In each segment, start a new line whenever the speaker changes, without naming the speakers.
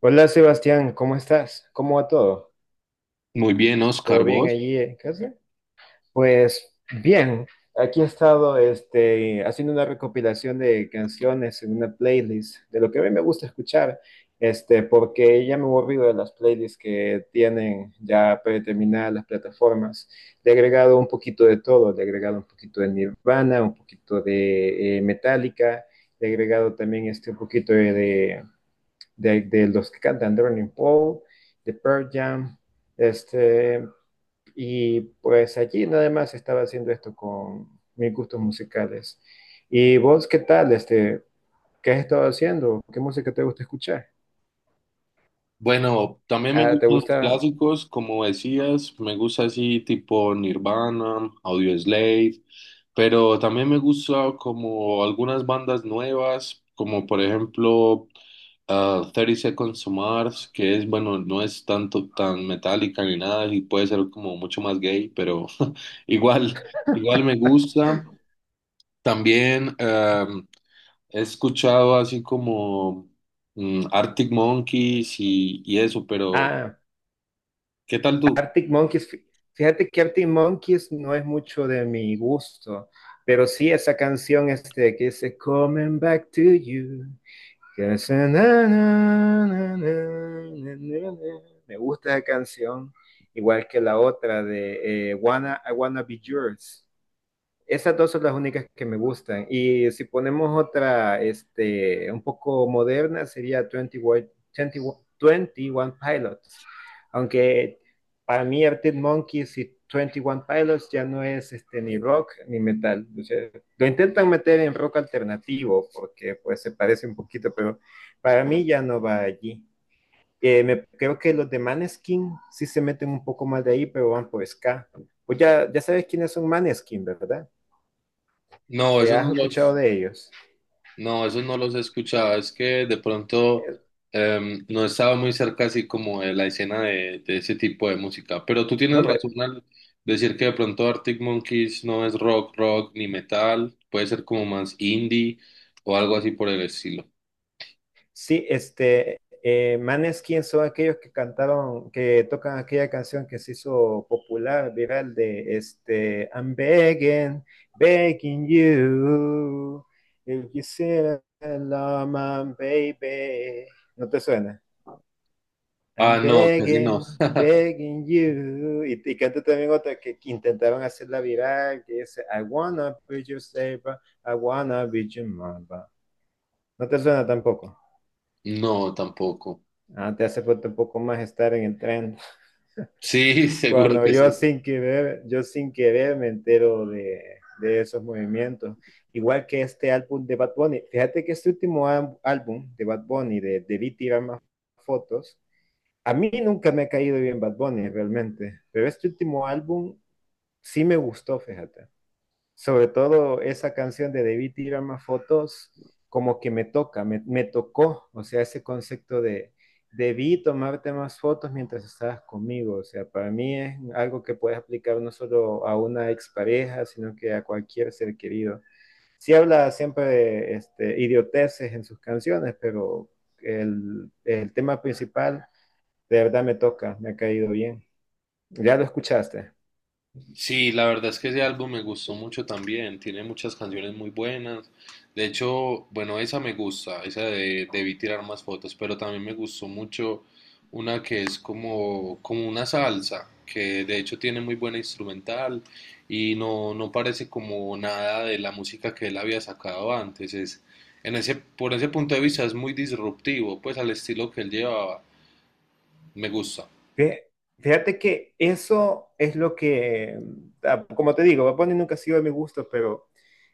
Hola Sebastián, ¿cómo estás? ¿Cómo va todo?
Muy bien,
¿Todo
Oscar,
bien
vos.
allí en casa? Pues bien, aquí he estado haciendo una recopilación de canciones en una playlist de lo que a mí me gusta escuchar, porque ya me he aburrido de las playlists que tienen ya predeterminadas las plataformas. Le he agregado un poquito de todo, le he agregado un poquito de Nirvana, un poquito de Metallica, le he agregado también un poquito de los que cantan, de Running Paul, de Pearl Jam, este, y pues allí nada más estaba haciendo esto con mis gustos musicales. ¿Y vos qué tal? ¿Qué has estado haciendo? ¿Qué música te gusta escuchar?
Bueno, también me
Ah, ¿te
gustan los
gusta?
clásicos, como decías, me gusta así tipo Nirvana, Audioslave, pero también me gusta como algunas bandas nuevas, como por ejemplo 30 Seconds to Mars, que es, bueno, no es tanto tan metálica ni nada, y puede ser como mucho más gay, pero igual, igual me gusta. También he escuchado así como Arctic Monkeys y eso, pero
Ah,
¿qué tal tú?
Arctic Monkeys. Fíjate que Arctic Monkeys no es mucho de mi gusto, pero sí esa canción que dice Coming Back to You. Me gusta esa canción, igual que la otra de I Wanna Be Yours. Esas dos son las únicas que me gustan. Y si ponemos otra, un poco moderna, sería 21 Pilots. Aunque para mí Arctic Monkeys y 21 Pilots ya no es ni rock ni metal. O sea, lo intentan meter en rock alternativo porque pues se parece un poquito, pero para mí ya no va allí. Creo que los de Maneskin sí se meten un poco más de ahí, pero van por ska. Pues ya, ya sabes quiénes son Maneskin, ¿verdad?
No, esos no
¿Has escuchado
los,
de ellos?
no, esos no los he escuchado. Es que de pronto
Eh,
no he estado muy cerca así como de la escena de ese tipo de música. Pero tú
no,
tienes
hombre,
razón al decir que de pronto Arctic Monkeys no es rock, rock ni metal. Puede ser como más indie o algo así por el estilo.
sí, Maneskin son aquellos que cantaron, que tocan aquella canción que se hizo popular, viral, de I'm begging, begging you, if you see love my baby. ¿No te suena? I'm
Ah, no, casi no.
begging, begging you. Y canta también otra que intentaron hacerla viral, que dice, I wanna be your savior, I wanna be your mama. No te suena tampoco.
No, tampoco.
Ah, te hace falta un poco más estar en el tren.
Sí, seguro
Cuando
que
yo
sí.
sin querer, yo sin querer me entero de esos movimientos. Igual que este álbum de Bad Bunny. Fíjate que este último álbum de Bad Bunny, de Debí tirar más fotos, a mí nunca me ha caído bien Bad Bunny realmente, pero este último álbum sí me gustó, fíjate. Sobre todo esa canción de Debí tirar más fotos, como que me toca, me tocó, o sea, ese concepto de debí tomarte más fotos mientras estabas conmigo, o sea, para mí es algo que puedes aplicar no solo a una expareja, sino que a cualquier ser querido. Sí habla siempre de idioteces en sus canciones, pero el tema principal de verdad me toca, me ha caído bien. ¿Ya lo escuchaste?
Sí, la verdad es que ese álbum me gustó mucho también. Tiene muchas canciones muy buenas. De hecho, bueno, esa me gusta, esa de Debí Tirar Más Fotos, pero también me gustó mucho una que es como, como una salsa, que de hecho tiene muy buena instrumental y no, no parece como nada de la música que él había sacado antes. Es, en ese, por ese punto de vista es muy disruptivo, pues al estilo que él llevaba. Me gusta.
Fí- Fíjate que eso es lo que, como te digo, Bad Bunny nunca ha sido de mi gusto, pero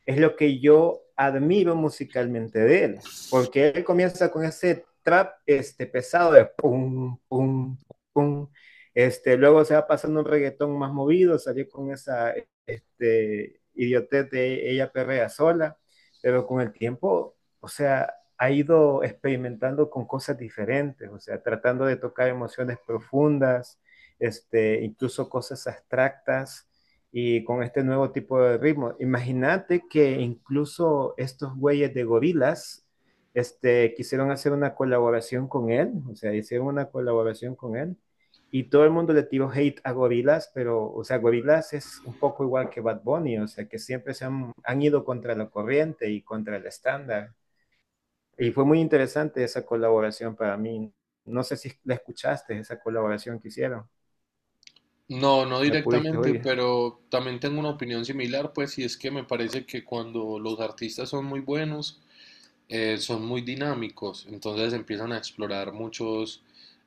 es lo que yo admiro musicalmente de él, porque él comienza con ese trap pesado de pum, pum, pum, luego se va pasando un reggaetón más movido, salió con esa idiotez de ella perrea sola, pero con el tiempo, o sea, ha ido experimentando con cosas diferentes, o sea, tratando de tocar emociones profundas, incluso cosas abstractas y con este nuevo tipo de ritmo. Imagínate que incluso estos güeyes de Gorillaz, quisieron hacer una colaboración con él, o sea, hicieron una colaboración con él y todo el mundo le tiró hate a Gorillaz, pero, o sea, Gorillaz es un poco igual que Bad Bunny, o sea, que siempre se han ido contra la corriente y contra el estándar. Y fue muy interesante esa colaboración para mí. No sé si la escuchaste, esa colaboración que hicieron.
No, no
¿La pudiste
directamente,
oír?
pero también tengo una opinión similar, pues, y es que me parece que cuando los artistas son muy buenos, son muy dinámicos, entonces empiezan a explorar muchos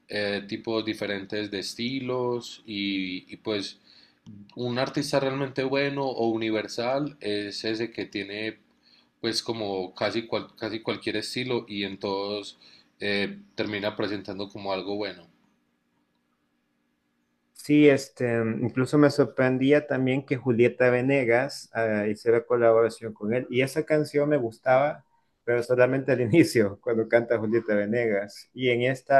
tipos diferentes de estilos y pues un artista realmente bueno o universal es ese que tiene pues como casi, casi cualquier estilo y en todos termina presentando como algo bueno.
Sí, incluso me sorprendía también que Julieta Venegas hiciera colaboración con él. Y esa canción me gustaba, pero solamente al inicio, cuando canta Julieta Venegas. Y en este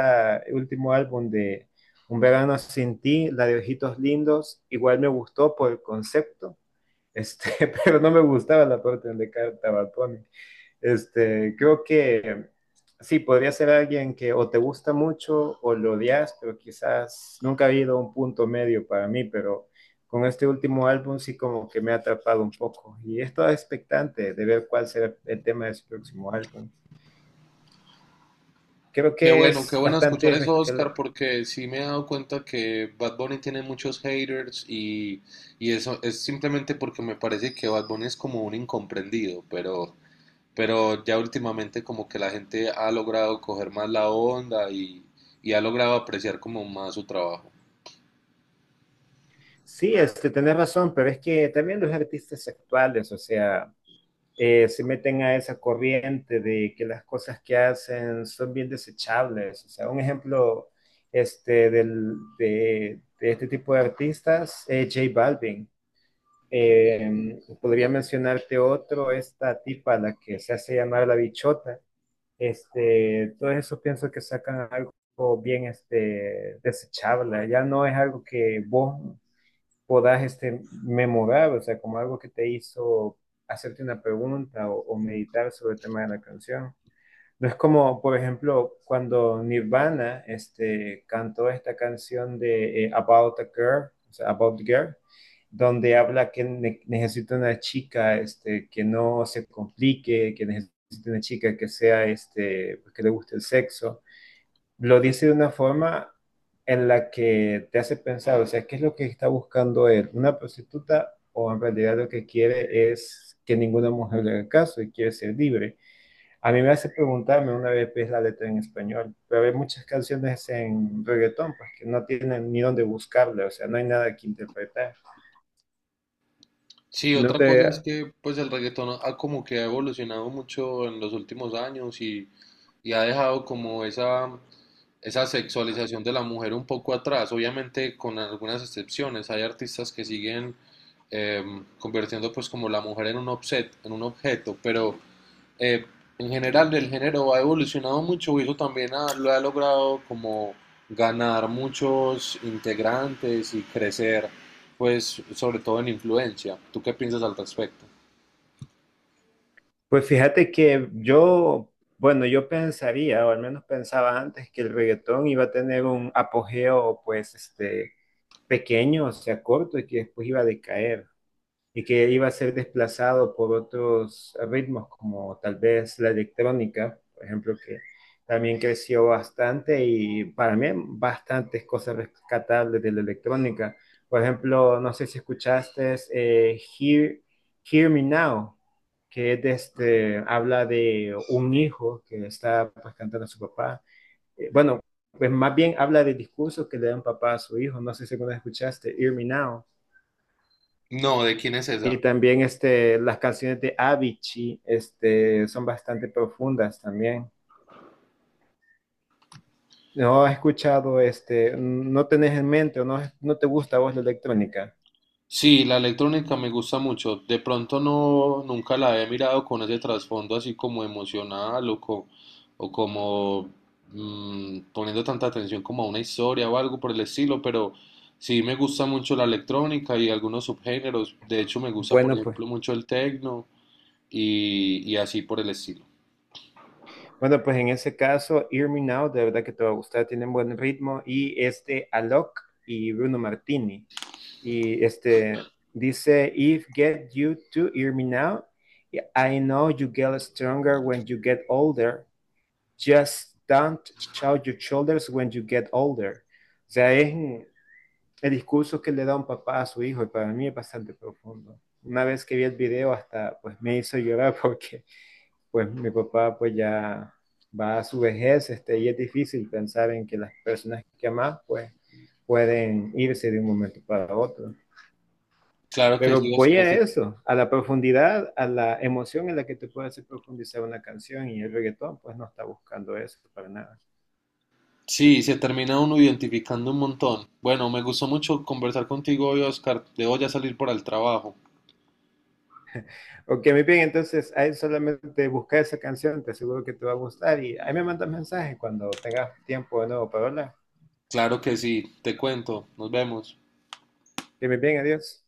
último álbum de Un verano sin ti, la de Ojitos Lindos, igual me gustó por el concepto, este, pero no me gustaba la parte donde cantaba Tony. Creo que sí, podría ser alguien que o te gusta mucho o lo odias, pero quizás nunca ha habido un punto medio para mí, pero con este último álbum sí como que me ha atrapado un poco y estoy expectante de ver cuál será el tema de su próximo álbum. Creo
Qué
que
bueno, qué
es
bueno escuchar
bastante...
eso, Oscar, porque sí me he dado cuenta que Bad Bunny tiene muchos haters y eso es simplemente porque me parece que Bad Bunny es como un incomprendido, pero ya últimamente como que la gente ha logrado coger más la onda y ha logrado apreciar como más su trabajo.
Sí, tenés razón, pero es que también los artistas actuales, o sea, se meten a esa corriente de que las cosas que hacen son bien desechables. O sea, un ejemplo este, del- de este tipo de artistas, J Balvin. Podría mencionarte otro, esta tipa, la que se hace llamar la bichota. Todo eso pienso que sacan algo bien desechable. Ya no es algo que vos podás memorar, o sea, como algo que te hizo hacerte una pregunta o meditar sobre el tema de la canción. No es como, por ejemplo, cuando Nirvana cantó esta canción de About a Girl, o sea, About a Girl, donde habla que necesita una chica que no se complique, que necesita una chica que sea, pues, que le guste el sexo lo dice de una forma en la que te hace pensar, o sea, ¿qué es lo que está buscando él? ¿Una prostituta o en realidad lo que quiere es que ninguna mujer le haga caso y quiere ser libre? A mí me hace preguntarme una vez qué es la letra en español, pero hay muchas canciones en reggaetón pues, que no tienen ni dónde buscarle, o sea, no hay nada que interpretar.
Sí,
No
otra cosa
te...
es que pues el reggaetón ha como que ha evolucionado mucho en los últimos años y ha dejado como esa sexualización de la mujer un poco atrás, obviamente con algunas excepciones. Hay artistas que siguen convirtiendo pues como la mujer en un objeto, pero eh, en general el género ha evolucionado mucho y eso también lo ha logrado como ganar muchos integrantes y crecer, pues sobre todo en influencia. ¿Tú qué piensas al respecto?
Pues fíjate que yo pensaría, o al menos pensaba antes, que el reggaetón iba a tener un apogeo, pues, pequeño, o sea, corto, y que después iba a decaer y que iba a ser desplazado por otros ritmos, como tal vez la electrónica, por ejemplo, que también creció bastante y para mí bastantes cosas rescatables de la electrónica. Por ejemplo, no sé si escuchaste Hear Me Now, que es de habla de un hijo que está pues, cantando a su papá bueno, pues más bien habla de discursos que le dan papá a su hijo. No sé si alguna vez escuchaste, Hear Me Now.
No, ¿de quién es esa?
Y también las canciones de Avicii son bastante profundas también. ¿No has escuchado, no tenés en mente o no, no te gusta a vos la electrónica?
Sí, la electrónica me gusta mucho. De pronto no, nunca la he mirado con ese trasfondo así como emocional o, o como poniendo tanta atención como a una historia o algo por el estilo, pero sí me gusta mucho la electrónica y algunos subgéneros. De hecho, me gusta, por
Bueno, pues
ejemplo, mucho el techno y así por el estilo.
Bueno, pues en ese caso, Hear Me Now, de verdad que te va a gustar, tienen buen ritmo. Y este Alok y Bruno Martini. Y este dice: If get you to hear me now, I know you get stronger when you get older. Just don't shout your shoulders when you get older. O sea, es el discurso que le da un papá a su hijo y para mí es bastante profundo. Una vez que vi el video hasta pues me hizo llorar porque pues mi papá pues ya va a su vejez, y es difícil pensar en que las personas que amas pues pueden irse de un momento para otro.
Claro que
Pero
sí,
voy
Oscar.
a eso, a la profundidad, a la emoción en la que te puede hacer profundizar una canción y el reggaetón pues no está buscando eso para nada.
Sí, se termina uno identificando un montón. Bueno, me gustó mucho conversar contigo hoy, Oscar. Debo ya salir para el trabajo.
Ok, muy bien, entonces ahí solamente busca esa canción, te aseguro que te va a gustar y ahí me mandas mensaje cuando tengas tiempo de nuevo para hablar.
Claro que sí, te cuento, nos vemos.
Que muy bien, adiós.